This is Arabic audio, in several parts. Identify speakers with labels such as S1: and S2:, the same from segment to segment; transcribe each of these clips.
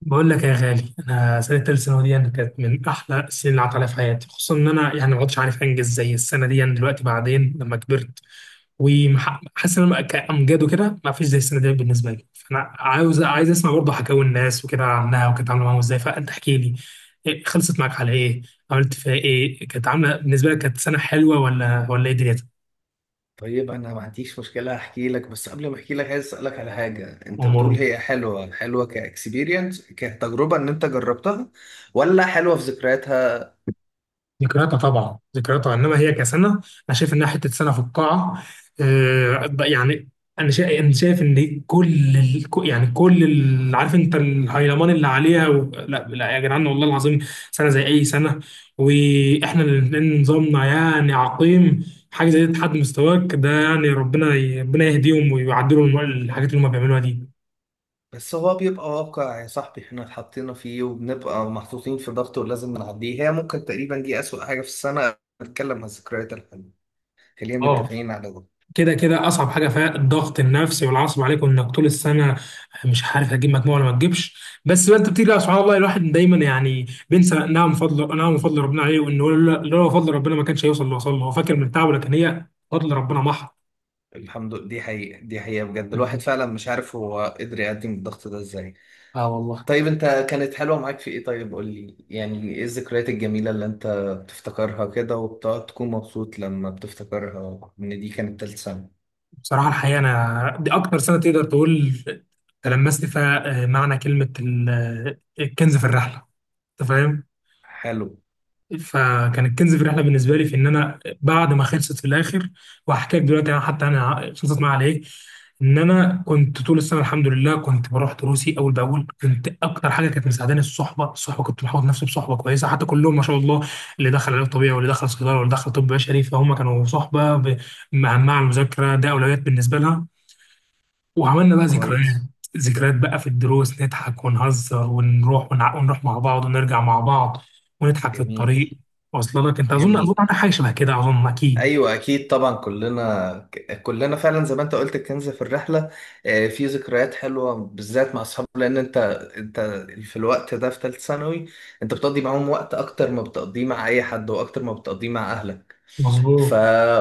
S1: بقول لك يا غالي، انا سنه ثالث ثانوي دي يعني كانت من احلى السنين اللي عدت عليا في حياتي، خصوصا ان انا ما عدتش عارف انجز زي السنه دي. يعني دلوقتي بعدين لما كبرت وحاسس ان انا كامجاد وكده، ما فيش زي السنه دي بالنسبه لي. فانا عايز اسمع برضه حكاوي الناس وكده عنها وكانت عامله معاهم ازاي. فانت احكي لي إيه، خلصت معاك على ايه؟ عملت فيها ايه؟ كانت عامله بالنسبه لك كانت سنه حلوه ولا ايه؟ دنيتك،
S2: طيب، انا ما عنديش مشكله احكي لك، بس قبل ما احكي لك عايز اسالك على حاجه. انت بتقول
S1: امورك؟
S2: هي حلوه حلوه كاكسبيرينس كتجربه ان انت جربتها، ولا حلوه في ذكرياتها؟
S1: ذكرياتها طبعا، ذكرياتها. انما هي كسنه انا شايف انها حته سنه في القاعه. يعني انا شايف ان كل ال- كو- يعني كل ال- عارف انت الهيلمان اللي عليها لا يا جدعان والله العظيم، سنه زي اي سنه. واحنا الاثنين نظامنا يعني عقيم. حاجه زي دي تحد مستواك ده. يعني ربنا ربنا يهديهم ويعدلهم الحاجات اللي هم بيعملوها دي.
S2: بس هو بيبقى واقع يا صاحبي، احنا اتحطينا فيه وبنبقى محطوطين في ضغط ولازم نعديه. هي ممكن تقريبا دي اسوأ حاجه في السنه. نتكلم عن الذكريات الحلوه، خلينا
S1: اه،
S2: متفقين على ده.
S1: كده كده اصعب حاجه فيها الضغط النفسي والعصب عليك، وانك طول السنه مش عارف هتجيب مجموع ولا ما تجيبش. بس بقى انت بتيجي، لا، سبحان الله، الواحد دايما يعني بينسى انها من فضل ربنا عليه، وان لولا فضل ربنا ما كانش هيوصل اللي وصل له. هو فاكر من تعبه، لكن هي فضل ربنا محض.
S2: الحمد لله. دي حقيقه، دي حقيقه بجد. الواحد فعلا مش عارف هو قدر يقدم الضغط ده ازاي.
S1: اه والله.
S2: طيب انت، كانت حلوة معاك في ايه؟ طيب قول لي يعني، ايه الذكريات الجميلة اللي انت بتفتكرها كده وبتقعد تكون مبسوط لما بتفتكرها، ان دي كانت تالت سنة؟
S1: بصراحه الحقيقه انا دي اكتر سنه تقدر تقول تلمست فيها معنى كلمه الكنز في الرحله. انت فاهم؟
S2: حلو.
S1: فكان الكنز في الرحله بالنسبه لي في ان انا بعد ما خلصت في الاخر. وهحكي لك دلوقتي انا، حتى انا خلصت معايا على ايه. ان انا كنت طول السنه الحمد لله كنت بروح دروسي اول باول. كنت اكتر حاجه كانت مساعداني الصحبه. كنت محوط نفسي بصحبه كويسه حتى كلهم ما شاء الله، اللي دخل علاج طبيعي، واللي دخل صيدله، واللي دخل طب بشري. فهم كانوا صحبه مهمه على المذاكره، ده اولويات بالنسبه لها. وعملنا بقى ذكريات،
S2: كويس.
S1: ذكريات بقى في الدروس، نضحك ونهزر ونروح ونروح مع بعض ونرجع مع بعض ونضحك في
S2: جميل.
S1: الطريق. واصل لك انت، اظن
S2: جميل.
S1: عندك حاجه شبه كده، اظن اكيد.
S2: ايوه، اكيد طبعا. كلنا، كلنا فعلا زي ما انت قلت، الكنز في الرحله. في ذكريات حلوه بالذات مع اصحابه، لان انت انت في الوقت ده في ثالثه ثانوي، انت بتقضي معاهم وقت اكتر ما بتقضيه مع اي حد واكتر ما بتقضيه مع اهلك. ف
S1: مظبوط.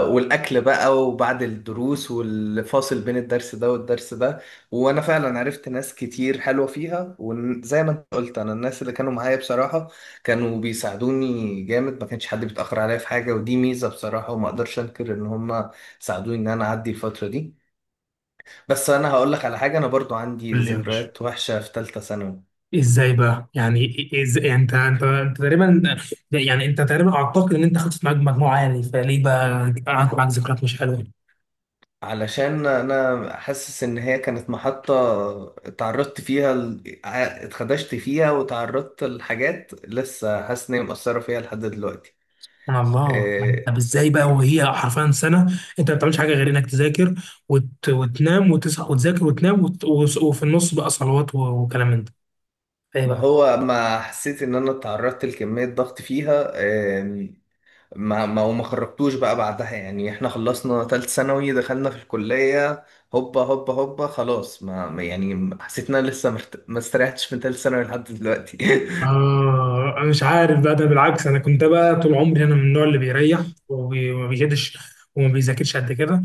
S2: والاكل بقى، وبعد الدروس، والفاصل بين الدرس ده والدرس ده. وانا فعلا عرفت ناس كتير حلوه فيها، وزي ما انت قلت، انا الناس اللي كانوا معايا بصراحه كانوا بيساعدوني جامد، ما كانش حد بيتأخر عليا في حاجة، ودي ميزة بصراحة، وما اقدرش انكر ان هم ساعدوني ان انا اعدي الفترة دي. بس انا هقول لك على حاجة، انا برضو عندي
S1: قول لي يا باشا.
S2: ذكريات وحشة في ثالثة ثانوي.
S1: ازاي بقى؟ يعني ازاي انت تقريبا، يعني انت تقريبا اعتقد ان انت خدت معاك مجموعه عالي، فليه بقى قعدت معاك ذكريات مش حلوه؟
S2: علشان انا حاسس ان هي كانت محطة اتعرضت فيها اتخدشت فيها وتعرضت لحاجات لسه حاسس ان هي مؤثرة فيها لحد دلوقتي.
S1: سبحان الله.
S2: إيه،
S1: طب ازاي بقى وهي حرفيا سنه انت ما بتعملش حاجه غير انك تذاكر وتنام وتصحى وتذاكر وتنام وفي النص بقى صلوات وكلام من ده؟ ايه
S2: ما
S1: بقى؟
S2: هو، ما حسيت ان انا اتعرضت لكمية ضغط فيها. آم، ما ما وما خرجتوش بقى بعدها، يعني احنا خلصنا تالت ثانوي دخلنا في الكلية، هوبا هوبا هوبا خلاص، يعني حسيت ان انا لسه ما استريحتش من تالت ثانوي لحد دلوقتي.
S1: آه، أنا مش عارف بقى. ده بالعكس، أنا كنت بقى طول عمري أنا من النوع اللي بيريح وما بيجدش وما بيذاكرش قد كده.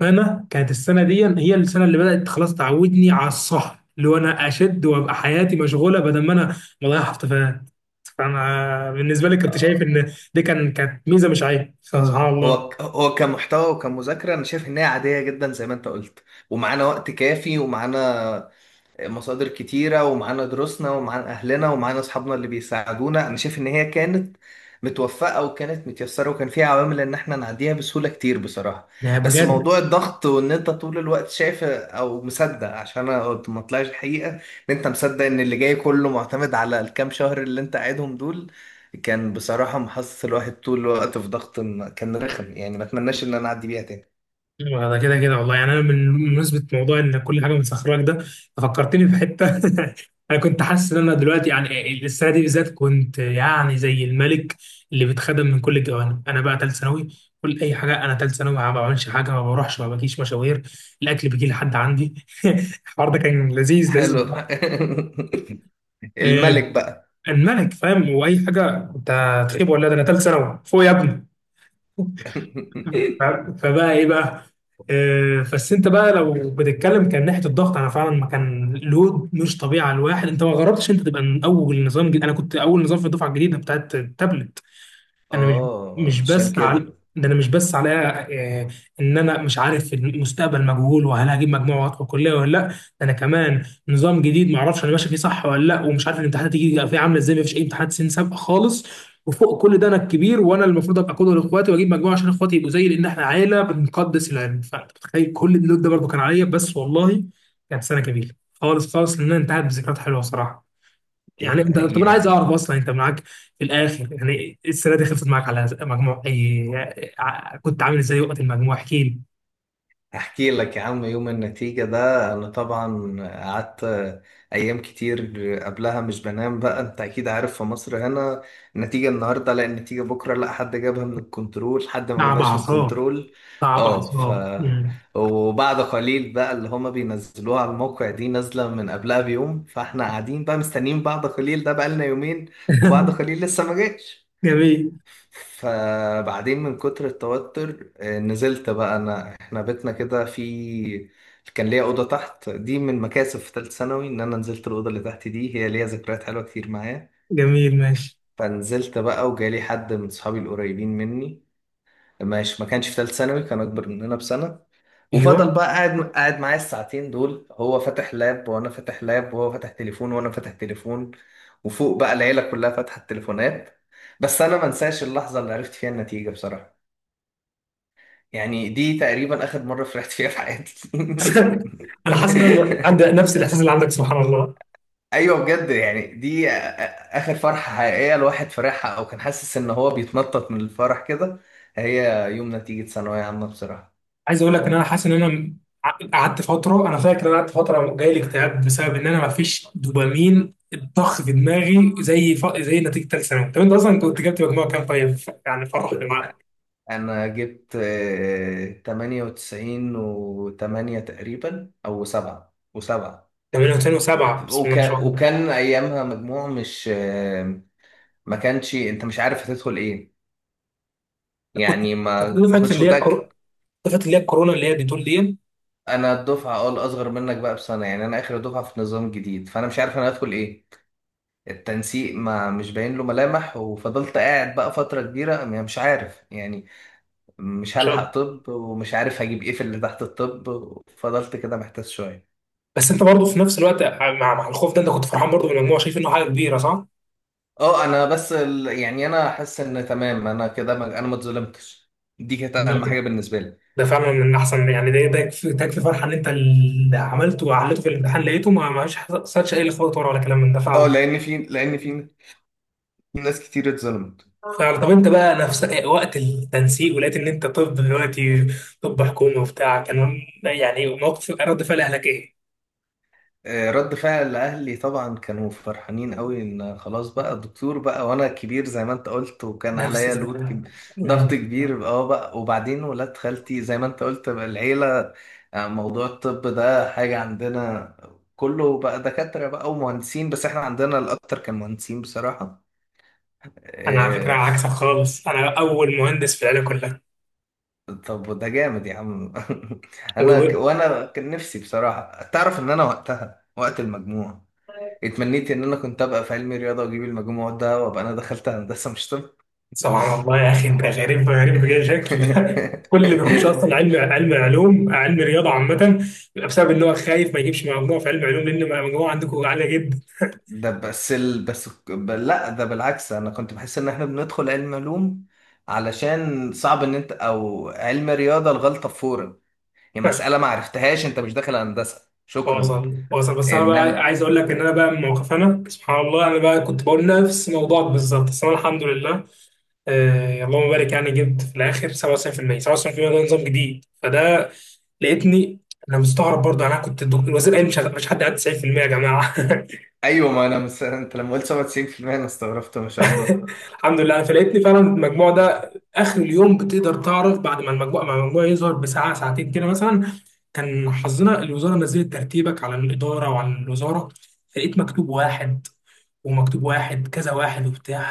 S1: فانا كانت السنه دي هي السنه اللي بدات خلاص تعودني على السهر، اللي هو انا اشد وابقى حياتي مشغوله بدل ما انا بضيع حفلات. فانا بالنسبه لي كنت شايف ان دي كانت ميزه مش عيب، سبحان الله.
S2: هو كمحتوى وكمذاكرة انا شايف ان هي عادية جدا زي ما انت قلت، ومعانا وقت كافي، ومعانا مصادر كتيرة، ومعانا دروسنا، ومعانا أهلنا، ومعانا أصحابنا اللي بيساعدونا. أنا شايف إن هي كانت متوفقة وكانت متيسرة وكان فيها عوامل إن إحنا نعديها بسهولة، كتير بصراحة.
S1: ده
S2: بس
S1: بجد.
S2: موضوع الضغط، وإن أنت طول الوقت شايف أو مصدق، عشان أنا ما طلعش الحقيقة، إن أنت مصدق إن اللي جاي كله معتمد على الكام شهر اللي أنت قاعدهم دول، كان بصراحة محسس الواحد طول الوقت في ضغط. كان رخم، يعني ما أتمناش إن أنا أعدي بيها تاني.
S1: ايوه، ده كده كده والله. يعني انا من بمناسبه موضوع ان كل حاجه مسخرك ده، فكرتني في حته انا كنت حاسس ان انا دلوقتي، يعني السنه دي بالذات، كنت يعني زي الملك اللي بيتخدم من كل الجوانب. انا بقى ثالث ثانوي، كل اي حاجه انا ثالث ثانوي، ما بعملش حاجه، ما بروحش ما باجيش مشاوير، الاكل بيجي لحد عندي. الحوار ده كان لذيذ لذيذ.
S2: حلو.
S1: آه،
S2: الملك بقى.
S1: الملك، فاهم؟ واي حاجه انت تخيب ولا، ده انا ثالث ثانوي فوق يا ابني. ف- فبقى ايه بقى؟ آه، بس انت بقى لو بتتكلم كان ناحيه الضغط، انا فعلا ما كان لود مش طبيعي على الواحد. انت ما جربتش انت تبقى من اول نظام جديد. انا كنت اول نظام في الدفعه الجديده بتاعت التابلت. انا مش
S2: اه،
S1: مش
S2: عشان
S1: بس على
S2: كده.
S1: ده انا مش بس على آه، ان انا مش عارف المستقبل مجهول، وهل هجيب مجموع وادخل كليه ولا لا؟ ده انا كمان نظام جديد، ما اعرفش انا ماشي فيه صح ولا لا، ومش عارف الامتحانات هتيجي فيه عامله ازاي، ما فيش اي امتحانات سنين سابقه خالص. وفوق كل ده انا الكبير وانا المفروض ابقى قدوه لاخواتي واجيب مجموع عشان اخواتي يبقوا زيي، لان احنا عائله بنقدس العلم. فانت متخيل كل اللود ده برضه كان عليا. بس والله كانت سنه جميله خالص خالص، لان أنا انتهت بذكريات حلوه صراحه.
S2: دي
S1: يعني انت، طب انا عايز
S2: حقيقة.
S1: اعرف اصلا انت معاك في الاخر، يعني السنه دي خلصت معاك على مجموع اي؟ كنت عامل ازاي وقت المجموع؟ احكي لي.
S2: هحكي لك يا عم. يوم النتيجة ده انا طبعا قعدت ايام كتير قبلها مش بنام. بقى انت اكيد عارف، في مصر هنا، النتيجة النهاردة، لا النتيجة بكرة، لا حد جابها من الكنترول، حد ما
S1: صعب
S2: جابهاش من
S1: عصام،
S2: الكنترول.
S1: صعب
S2: اه.
S1: عصام،
S2: وبعد قليل بقى اللي هما بينزلوها على الموقع دي نازلة من قبلها بيوم، فاحنا قاعدين بقى مستنيين، بعد قليل ده بقى لنا يومين، وبعد قليل لسه ما جاش.
S1: جميل.
S2: فبعدين من كتر التوتر نزلت بقى انا. احنا بيتنا كده، كان ليا اوضه تحت، دي من مكاسب في ثالثه ثانوي، ان انا نزلت الاوضه اللي تحت، دي هي ليا ذكريات حلوه كتير معايا.
S1: جميل، ماشي.
S2: فنزلت بقى وجالي حد من صحابي القريبين مني، ماشي، ما كانش في ثالثه ثانوي، كان اكبر مننا بسنه. وفضل
S1: ايوه.
S2: بقى قاعد قاعد معايا الساعتين دول، هو فاتح لاب وانا فاتح لاب، وهو فاتح تليفون وانا فاتح تليفون، وفوق بقى العيله كلها فاتحه التليفونات. بس انا ما انساش اللحظه اللي عرفت فيها النتيجه بصراحه، يعني دي تقريبا اخر مرة فرحت فيها في حياتي.
S1: انا حاسس ان انا عندي نفس الاحساس اللي عندك، سبحان الله.
S2: ايوه بجد، يعني دي اخر فرحة حقيقية الواحد فرحها، او كان حاسس ان هو بيتنطط من الفرح كده. هي، يوم نتيجة ثانوية عامة بصراحة.
S1: عايز اقول لك ان انا حاسس ان انا قعدت فتره، انا فاكر ان انا قعدت فتره جاي لي اكتئاب بسبب ان انا ما فيش دوبامين الضخ في دماغي زي زي نتيجه ثالث ثانوي. طب انت اصلا كنت جبت مجموع كام طيب؟ يعني فرحت معاك.
S2: انا جبت 98 و8 تقريبا، او 7 و7.
S1: ده من 2007، بسم الله ما شاء
S2: وكان
S1: الله.
S2: وكان ايامها مجموع مش ما كانش، انت مش عارف هتدخل ايه،
S1: كنت
S2: يعني
S1: كنت
S2: ما ما
S1: دفعه
S2: كنتش
S1: اللي هي الكورونا،
S2: متأكد.
S1: دفعه اللي هي الكورونا اللي هي بتقول دي، ان
S2: انا الدفعه، الاصغر منك بقى بسنه، يعني انا اخر دفعه في نظام جديد، فانا مش عارف انا هدخل ايه. التنسيق ما مش باين له ملامح، وفضلت قاعد بقى فتره كبيره أنا مش عارف يعني، مش
S1: شاء الله.
S2: هلحق طب، ومش عارف هجيب ايه في اللي تحت الطب، فضلت كده محتاس شويه.
S1: بس انت برضه في نفس الوقت، مع الخوف ده انت كنت فرحان برضه بالمجموع، شايف انه حاجه كبيره صح؟
S2: اه، انا بس يعني انا حاسس ان تمام، انا كده ما... انا ما اتظلمتش، دي كانت اهم
S1: كملت.
S2: حاجه بالنسبه لي.
S1: ده فعلا من احسن. يعني ده ده يكفي، ده يكفي فرحه ان انت اللي عملته وعلته في الامتحان لقيته، ما ما فيش حصلش اي لخبطه ورا ولا كلام من ده،
S2: اه،
S1: فعلا.
S2: لان في، ناس كتير اتظلمت.
S1: فعلا. طب انت بقى نفس وقت التنسيق، ولقيت ان انت طب دلوقتي، طب حكومه وبتاع، كان يعني موقف رد فعل اهلك ايه؟
S2: رد فعل اهلي طبعا كانوا فرحانين قوي، ان خلاص بقى دكتور بقى، وانا كبير زي ما انت قلت، وكان
S1: نفس
S2: عليا لود
S1: الزمن.
S2: ضغط كبير، اه بقى. وبعدين ولاد خالتي، زي ما انت قلت بقى، العيله، موضوع الطب ده حاجه عندنا، كله بقى دكاتره بقى ومهندسين، بس احنا عندنا الاكتر كان مهندسين بصراحه.
S1: انا على فكره
S2: آه،
S1: عكسك
S2: ف-
S1: خالص، انا اول مهندس في العيله كلها.
S2: طب ده جامد يا عم.
S1: و- و-
S2: وانا كان نفسي بصراحه تعرف، ان انا وقتها وقت المجموع اتمنيت ان انا كنت ابقى في علمي رياضه واجيب المجموع ده، وابقى انا دخلت هندسه مش طب.
S1: سبحان الله يا اخي، انت غريب غريب بجد شكل. كل اللي بيخش اصلا علم، علم علوم، علم رياضه عامه، بسبب ان هو خايف ما يجيبش مجموع في علم علوم لان المجموع عندكم عاليه جدا.
S2: ده بس لا، ده بالعكس، انا كنت بحس ان احنا بندخل علم علوم علشان صعب ان انت، او علم رياضه الغلطه فورا، يعني مساله ما عرفتهاش انت مش داخل هندسه، شكرا.
S1: واصل، واصل. بس انا بقى
S2: انما
S1: عايز اقول لك ان انا بقى من موقف، انا سبحان الله، انا بقى كنت بقول نفس موضوعك بالظبط، بس انا الحمد لله، آه، اللهم بارك، يعني جبت في الاخر 97% 97%. ده نظام جديد، فده لقيتني. انا مستغرب برضه، يعني انا كنت الدكتور الوزير قال مش مش حد قاعد 90% يا جماعه.
S2: ايوه، ما انا مس... انت لما قلت 97% انا استغربت، ما شاء الله.
S1: الحمد لله، فلقيتني فعلا المجموع ده اخر اليوم، بتقدر تعرف بعد ما المجموع يظهر بساعه ساعتين كده مثلا. كان حظنا الوزاره نزلت ترتيبك على الاداره وعلى الوزاره. لقيت مكتوب واحد، ومكتوب واحد، كذا واحد وبتاع.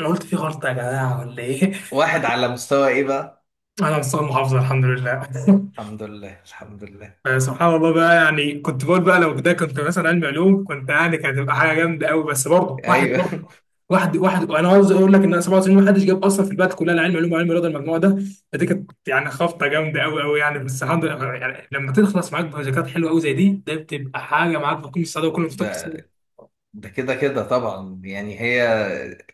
S1: انا قلت في غلطه يا جماعه ولا ايه؟
S2: واحد على مستوى ايه بقى؟
S1: انا مستوى المحافظه الحمد لله.
S2: الحمد لله، الحمد لله.
S1: آه، سبحان الله بقى. يعني كنت بقول بقى لو ده كنت مثلا علمي علوم، كنت يعني كانت هتبقى حاجه جامده قوي. بس برضه واحد،
S2: ايوه.
S1: برضه واحد، واحد. انا عاوز اقول لك ان 97 ما حدش جاب اصلا في البلد كلها، لا علم علوم وعلم رياضه، المجموعه ده. فدي كانت يعني خبطه جامده قوي قوي يعني. بس الحمد لله يعني، لما تخلص معاك بروجكتات حلوه قوي زي دي، ده بتبقى حاجه معاك بكل السعاده وكل
S2: ده،
S1: مفتقد.
S2: كده كده طبعا، يعني هي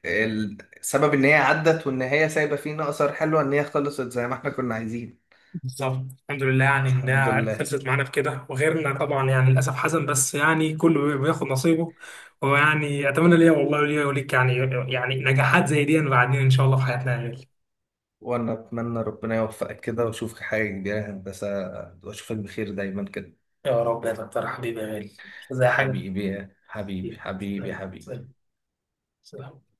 S2: السبب ان هي عدت، وان هي سايبه فينا اثر حلو، ان هي خلصت زي ما احنا كنا عايزين.
S1: بالظبط، الحمد لله. يعني
S2: الحمد
S1: انها
S2: لله.
S1: خلصت معانا بكده، وغيرنا طبعا يعني للاسف حزن، بس يعني كله بياخد نصيبه. ويعني اتمنى ليا والله، وليا وليك يعني، يعني نجاحات زي دي بعدين ان شاء الله في حياتنا يا غالي.
S2: وانا اتمنى ربنا يوفقك كده، واشوفك حاجه كبيره يا هندسه، واشوفك بخير دايما كده.
S1: يا رب يا دكتور، حبيبي يا غالي. مش زي حاجه.
S2: حبيبي، يا حبيبي، حبيبي،
S1: سلام،
S2: حبيبي.
S1: سلام، سلام.